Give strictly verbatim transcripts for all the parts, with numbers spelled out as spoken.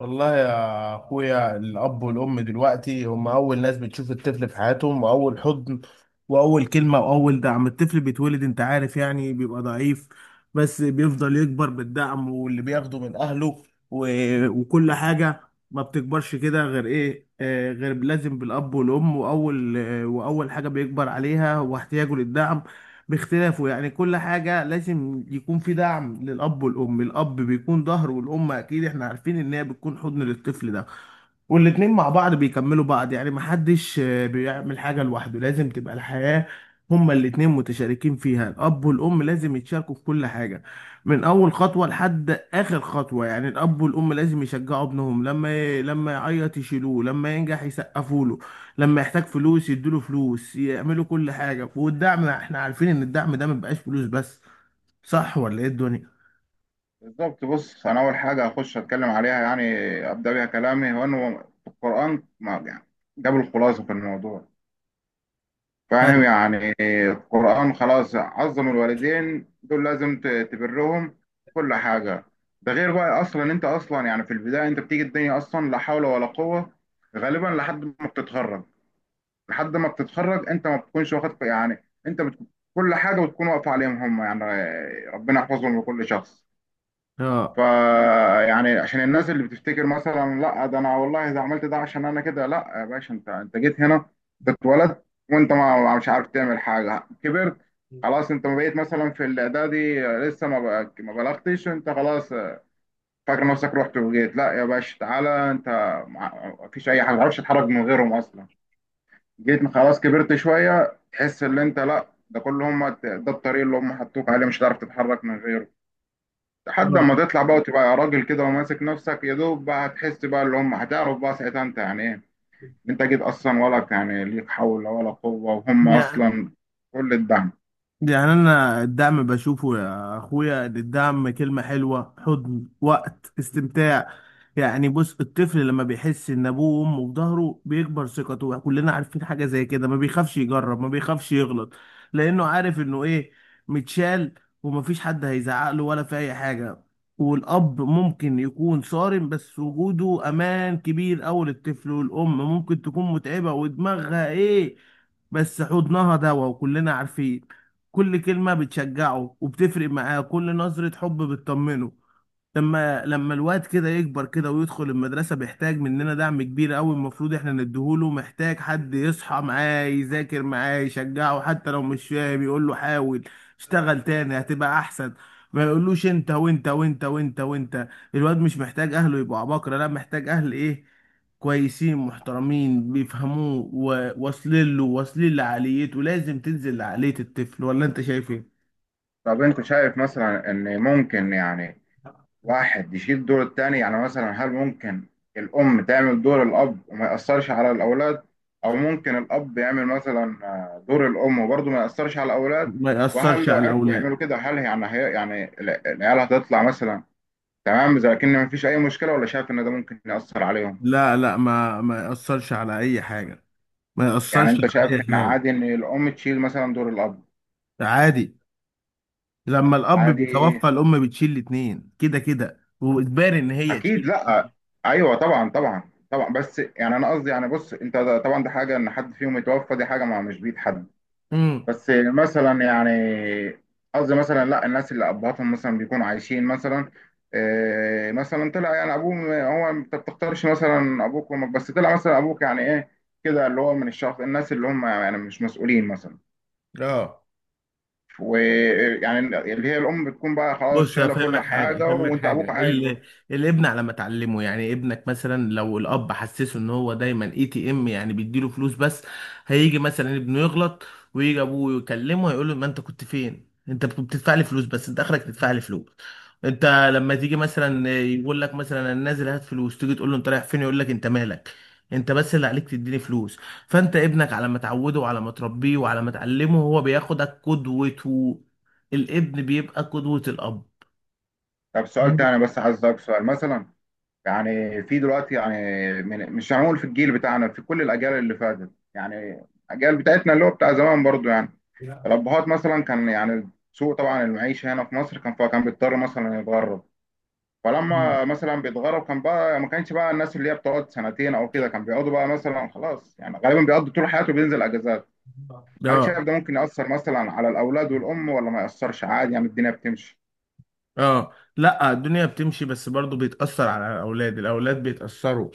والله يا اخويا، الاب والام دلوقتي هم اول ناس بتشوف الطفل في حياتهم، واول حضن واول كلمه واول دعم. الطفل بيتولد انت عارف يعني بيبقى ضعيف، بس بيفضل يكبر بالدعم واللي بياخده من اهله و... وكل حاجه. ما بتكبرش كده غير ايه، آه غير لازم بالاب والام، واول آه واول حاجه بيكبر عليها هو احتياجه للدعم باختلافه. يعني كل حاجة لازم يكون في دعم للأب والأم. الأب بيكون ظهر، والأم أكيد إحنا عارفين إن هي بتكون حضن للطفل ده. والاتنين مع بعض بيكملوا بعض، يعني محدش آه، بيعمل حاجة لوحده. لازم تبقى الحياة هما الاتنين متشاركين فيها. الأب والأم لازم يتشاركوا في كل حاجة، من أول خطوة لحد آخر خطوة. يعني الأب والأم لازم يشجعوا ابنهم، لما ي... لما يعيط يشيلوه، لما ينجح يسقفوا له، لما يحتاج فلوس يدوله فلوس. يعملوا كل حاجة. والدعم احنا عارفين ان الدعم ده ما بيبقاش فلوس بس. صح ولا ايه الدنيا؟ بالظبط. بص، انا اول حاجه هخش اتكلم عليها يعني ابدا بيها كلامي، هو انه القران ما- يعني جاب الخلاصه في الموضوع. فاهم ايوه. يعني؟ القران خلاص عظم الوالدين دول، لازم ت- تبرهم كل حاجه. ده غير بقى اصلا انت اصلا يعني في البدايه انت بتيجي الدنيا اصلا لا حول ولا قوه، غالبا لحد ما بتتخرج لحد ما بتتخرج انت ما بتكونش واخد يعني انت بت... كل حاجه بتكون واقفه عليهم هم يعني. ربنا يحفظهم لكل شخص. اه. فيعني عشان الناس اللي بتفتكر مثلا لا ده انا والله ده عملت ده عشان انا كده، لا يا باشا، انت انت جيت هنا، انت اتولدت وانت ما ما- مش عارف تعمل حاجه. كبرت خلاص، انت ما بقيت مثلا في الاعدادي، آه، لسه ما بقى- ما بلغتش، انت خلاص. آه، فاكر نفسك رحت وجيت؟ لا يا باشا، تعالى انت، مع- ما فيش اي حاجه ما تعرفش تتحرك من غيرهم اصلا. جيت خلاص، كبرت شويه، تحس ان انت، لا ده كل هم ده الطريق اللي هم حطوك عليه، مش هتعرف تتحرك من غيره. لحد اه. ما تطلع بقى وتبقى راجل كده وماسك نفسك يا دوب بقى هتحس بقى اللي هم، هتعرف بقى ساعتها انت يعني ايه. انت جيت اصلا ولا يعني ليك حول ولا قوة، وهم يعني. اصلا كل الدعم. يعني انا الدعم بشوفه يا اخويا إن الدعم كلمة حلوة، حضن، وقت استمتاع. يعني بص، الطفل لما بيحس ان ابوه وامه في ظهره بيكبر ثقته، كلنا عارفين حاجة زي كده. ما بيخافش يجرب، ما بيخافش يغلط، لانه عارف انه ايه، متشال، ومفيش حد هيزعق له ولا في اي حاجة. والاب ممكن يكون صارم بس وجوده امان كبير اوي للطفل، والام ممكن تكون متعبة ودماغها ايه، بس حضنها دوا وكلنا عارفين. كل كلمة بتشجعه وبتفرق معاه، كل نظرة حب بتطمنه. لما لما الواد كده يكبر كده ويدخل المدرسة بيحتاج مننا دعم كبير قوي، المفروض احنا نديهوله. محتاج حد يصحى معاه، يذاكر معاه، يشجعه حتى لو مش فاهم يقول له حاول، اشتغل تاني هتبقى احسن. ما يقولوش انت وانت وانت وانت وانت. الواد مش محتاج اهله يبقوا عباقرة، لا، محتاج اهل ايه، كويسين محترمين بيفهموه وواصلين له، واصلين لعقليته. لازم تنزل لعقلية الطفل، ولا انت شايف ايه؟ طب، انت شايف مثلا ان ممكن يعني واحد يشيل دور التاني؟ يعني مثلا هل ممكن الام تعمل دور الاب وما يأثرش على الاولاد؟ او ممكن الاب يعمل مثلا آه، دور الام وبرضه ما يأثرش على الاولاد؟ ما وهل يأثرش لو على عرفوا يعملوا الاولاد. كده هل يعني هي يعني العيال هتطلع مثلا تمام؟ إذا لكن ما فيش أي مشكلة ولا شايف إن ده ممكن يأثر عليهم؟ لا لا، ما ما يأثرش على أي حاجة، ما يعني يأثرش أنت شايف على أي إن حاجة. عادي إن الأم تشيل مثلا دور الأب؟ ده عادي، لما الأب عادي، بيتوفى الأم بتشيل الاتنين كده كده، وإجباري إن هي أكيد، تشيل. لأ. أيوه طبعا طبعا طبعا، بس يعني أنا قصدي يعني بص أنت ده- طبعا ده حاجة إن حد فيهم يتوفى، دي حاجة ما مش بإيد حد. امم. بس مثلا يعني قصدي مثلا لأ الناس اللي أبهاتهم مثلا بيكونوا عايشين، مثلا إيه مثلا طلع يعني أبوه، هو أنت بتختارش مثلا أبوك وأمك؟ بس طلع مثلا أبوك يعني إيه كده، اللي هو من الشخص الناس اللي هم يعني مش مسؤولين مثلا. اه. ويعني اللي هي الام بتكون بقى خلاص بص شايله كل افهمك حاجه، حاجه افهمك وانت حاجه، ابوك عايش برضه. ال... الابن على ما تعلمه. يعني ابنك مثلا لو الاب حسسه ان هو دايما اي تي ام، يعني بيديله فلوس بس، هيجي مثلا ابنه يغلط ويجي ابوه يكلمه هيقول له ما انت كنت فين، انت بت- بتدفع لي فلوس بس، انت اخرك تدفع لي فلوس. انت لما تيجي مثلا يقول لك مثلا انا نازل هات فلوس، تيجي تقول له انت رايح فين، يقول لك انت مالك، انت بس اللي عليك تديني فلوس. فانت ابنك على ما تعوده وعلى ما تربيه وعلى ما تعلمه، هو بياخدك قدوته. الابن بيبقى قدوة الأب. طب سؤال تاني بس، عايز اسالك سؤال، مثلا يعني في دلوقتي يعني من مش هنقول في الجيل بتاعنا، في كل الاجيال اللي فاتت يعني الاجيال بتاعتنا اللي هو بتاع زمان برضه، يعني الابهات مثلا كان يعني سوء طبعا المعيشه هنا في مصر كان، فكان بيضطر مثلا يتغرب. فلما مثلا بيتغرب كان بقى ما كانش بقى الناس اللي هي بتقعد سنتين او كده، كان بيقعدوا بقى مثلا خلاص يعني غالبا بيقضوا طول حياته بينزل اجازات. هل شايف اه. ده ممكن يأثر مثلا على الأولاد والأم ولا ما يأثرش عادي يعني الدنيا بتمشي؟ اه. لا الدنيا بتمشي، بس برضو بيتأثر على الأولاد، الأولاد بيتأثروا.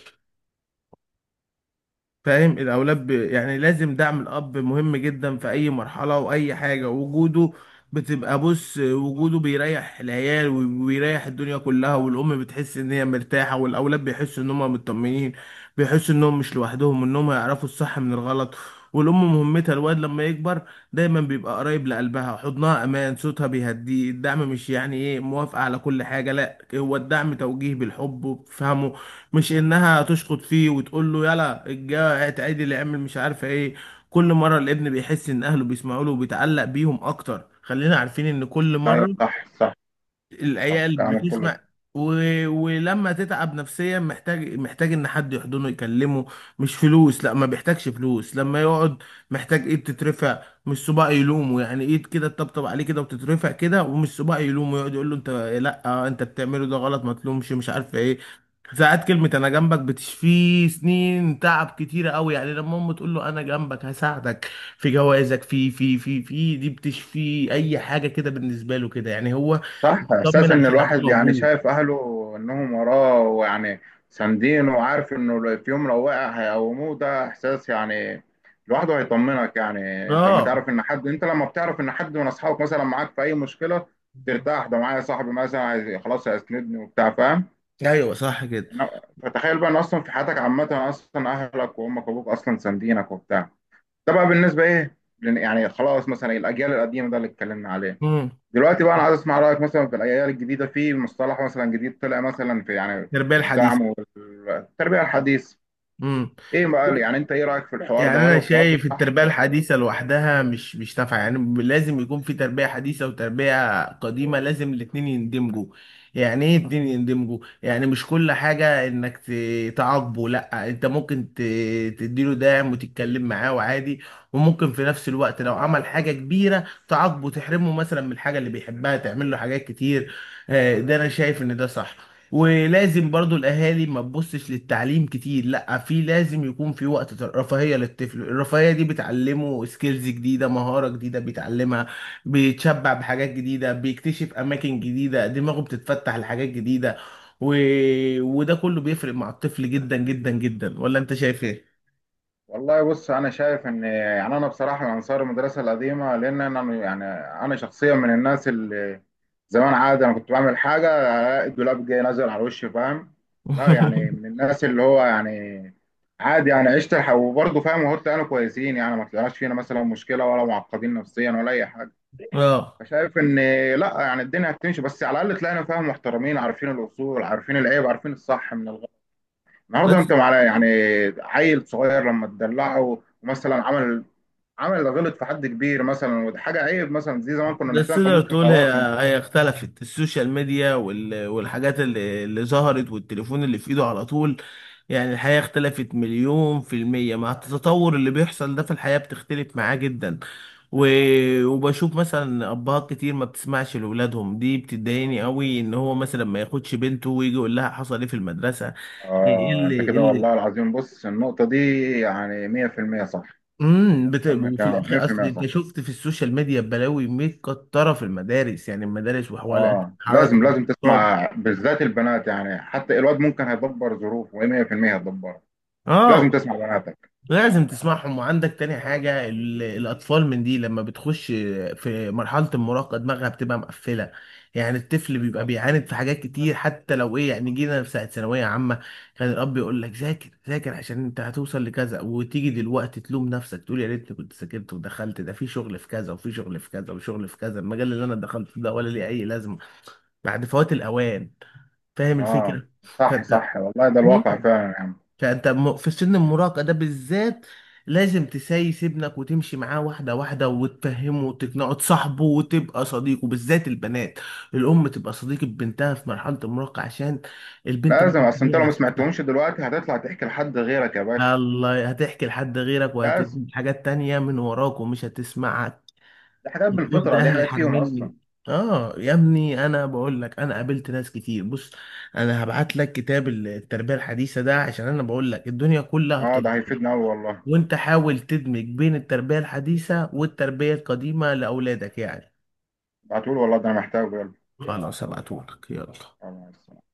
فاهم؟ الاولاد ب... يعني لازم دعم الاب مهم جدا في اي مرحله واي حاجه. وجوده بتبقى بص، وجوده بيريح العيال وبيريح الدنيا كلها، والام بتحس ان هي مرتاحه، والاولاد بيحسوا ان هم مطمنين، بيحسوا انهم مش لوحدهم، انهم يعرفوا الصح من الغلط. والام مهمتها الواد لما يكبر دايما بيبقى قريب لقلبها، حضنها امان، صوتها بيهديه. الدعم مش يعني ايه موافقه على كل حاجه، لا، هو الدعم توجيه بالحب وبفهمه، مش انها تشخط فيه وتقول له يلا الجا اتعدل اللي اعمل مش عارفه ايه. كل مره الابن بيحس ان اهله بيسمعوا له وبيتعلق بيهم اكتر. خلينا عارفين ان كل أيوه، مره صح صح. صح العيال كلامك كله. بتسمع. و... ولما تتعب نفسيا محتاج، محتاج ان حد يحضنه يكلمه، مش فلوس، لا ما بيحتاجش فلوس. لما يقعد محتاج ايد تترفع، مش صباع يلومه. يعني ايد كده تطبطب عليه كده وتترفع كده، ومش صباع يلومه يقعد يقول له انت، لا انت بتعمله ده غلط ما تلومش مش عارف ايه. ساعات كلمة أنا جنبك بتشفيه سنين تعب كتيرة أوي. يعني لما أمه تقول له أنا جنبك هساعدك في جوازك، في في في في دي بتشفيه أي حاجة كده، بالنسبة له كده يعني هو. صح، طمن إحساس إن عشان ابوه الواحد يعني موجود. شايف أهله إنهم وراه ويعني ساندينه وعارف إنه لو- في يوم لو وقع هيقوموه، ده إحساس يعني لوحده هيطمنك يعني. أنت لما اه. تعرف إن حد أنت لما بتعرف إن حد من أصحابك مثلا معاك في أي مشكلة ترتاح. ده معايا صاحبي مثلا هي- خلاص هيسندني وبتاع، فاهم؟ ايوه صح كده. إنه- فتخيل بقى إن أصلا في حياتك عامة أصلا أهلك وأمك وأبوك أصلا ساندينك وبتاع. ده بقى بالنسبه ايه لن- يعني خلاص، مثلا الاجيال القديمه ده اللي اتكلمنا عليه. امم. دلوقتي بقى انا عايز اسمع رايك مثلا في الاجيال الجديده، في مصطلح مثلا جديد طلع مثلا في يعني التربيه الحديثه. الدعم والتربيه الحديث. امم. ايه بقى يعني انت ايه رايك في الحوار يعني ده؟ هل هو انا الحوار ده شايف صح التربيه ولا؟ الحديثه لوحدها مش مش نافعه، يعني لازم يكون في تربيه حديثه وتربيه قديمه، لازم الاتنين يندمجوا. يعني ايه اتنين يندمجوا، يعني مش كل حاجه انك ت- تعاقبه، لا، انت ممكن ت- تديله دعم وتتكلم معاه وعادي، وممكن في نفس الوقت لو عمل حاجه كبيره تعاقبه، تحرمه مثلا من الحاجه اللي بيحبها، تعمل له حاجات كتير. آه، ده انا شايف ان ده صح. ولازم برضو الاهالي ما تبصش للتعليم كتير، لا، في لازم يكون في وقت رفاهية للطفل. الرفاهية دي بتعلمه سكيلز جديدة، مهارة جديدة بيتعلمها، بيتشبع بحاجات جديدة، بيكتشف اماكن جديدة، دماغه بتتفتح لحاجات جديدة. و... وده كله بيفرق مع الطفل جدا جدا جدا، ولا انت شايف ايه؟ والله بص، انا شايف ان يعني انا بصراحه من انصار المدرسه القديمه، لان انا يعني انا شخصيا من الناس اللي زمان عادي انا كنت بعمل حاجه الاقي الدولاب جاي نازل على وشي، فاهم؟ لا يعني من الناس اللي هو يعني عادي يعني عشت الح- وبرضه فاهم، وهو طلعنا كويسين يعني ما طلعناش فينا مثلا مشكله ولا معقدين نفسيا ولا اي حاجه. اه. فشايف ان لا يعني الدنيا هتمشي بس على الاقل طلعنا فاهم محترمين، عارفين الاصول، عارفين العيب، عارفين الصح من الغلط. النهارده بس. انت مع يعني عيل صغير لما تدلعه ومثلا عمل عمل غلط في حد كبير مثلا، ودي حاجه عيب مثلا زي زمان كنا بس نحتاج تقدر ممكن تقول هي، خلاص انت. هي اختلفت. السوشيال ميديا وال- والحاجات اللي, اللي ظهرت والتليفون اللي في ايده على طول، يعني الحياة اختلفت مليون في المية. مع التطور اللي بيحصل ده في الحياة بتختلف معاه جدا. و... وبشوف مثلا أبهات كتير ما بتسمعش لأولادهم، دي بتضايقني قوي، إن هو مثلا ما ياخدش بنته ويجي يقول لها حصل إيه في المدرسة. إيه آه، اللي أنت إيه كده والله اللي. العظيم. بص النقطة دي يعني مية في المية صح. امم. بت... تم وفي الكلام، الاخر اصل مية في المية انت صح. شفت في السوشيال ميديا بلاوي متكتره في المدارس، يعني المدارس وحوالات، آه حرائق، لازم لازم الاغتصاب. تسمع، بالذات البنات يعني، حتى الواد ممكن هيدبر ظروفه مية في المية، هيدبرها. اه. لازم تسمع بناتك. لازم تسمعهم. وعندك تاني حاجة، ال- الأطفال من دي لما بتخش في مرحلة المراهقة دماغها بتبقى مقفلة. يعني الطفل بيبقى بيعاند في حاجات كتير، حتى لو إيه، يعني جينا في ساعة ثانوية عامة، كان الأب يقول لك ذاكر ذاكر عشان أنت هتوصل لكذا، وتيجي دلوقتي تلوم نفسك تقول يا ريتني كنت ذاكرت ودخلت ده في شغل في كذا وفي شغل في كذا وشغل في كذا، المجال اللي أنا دخلته ده ولا ليه أي لازمة. بعد فوات الأوان. فاهم آه، الفكرة؟ صح فأنت، صح، والله ده الواقع فعلا يعني. فانت م- في سن المراهقه ده بالذات لازم تسايس ابنك وتمشي معاه واحده واحده وتفهمه وتقنعه، تصاحبه وتبقى صديقه، بالذات البنات. الام تبقى صديقه بنتها في مرحله المراهقه، عشان البنت لازم، ممكن أصل أنت تبيع لو ما نفسها. سمعتهمش دلوقتي هتطلع تحكي لحد غيرك يا باشا. الله، هتحكي لحد غيرك، لازم. وهتجيب حاجات تانية من وراك ومش هتسمعك، دي حاجات تقول بالفطرة، ده دي اهلي حاجات فيهم أصلا. حرمني. اه يا ابني انا بقول لك، انا قابلت ناس كتير. بص انا هبعت لك كتاب التربيه الحديثه ده، عشان انا بقول لك الدنيا كلها آه ده بتتغير، هيفيدنا أوي والله. وانت حاول تدمج بين التربية الحديثة والتربية القديمة لأولادك يعني. ده هتقول، والله ده أنا محتاجه. خلاص هبعتهولك، يلا. يلا.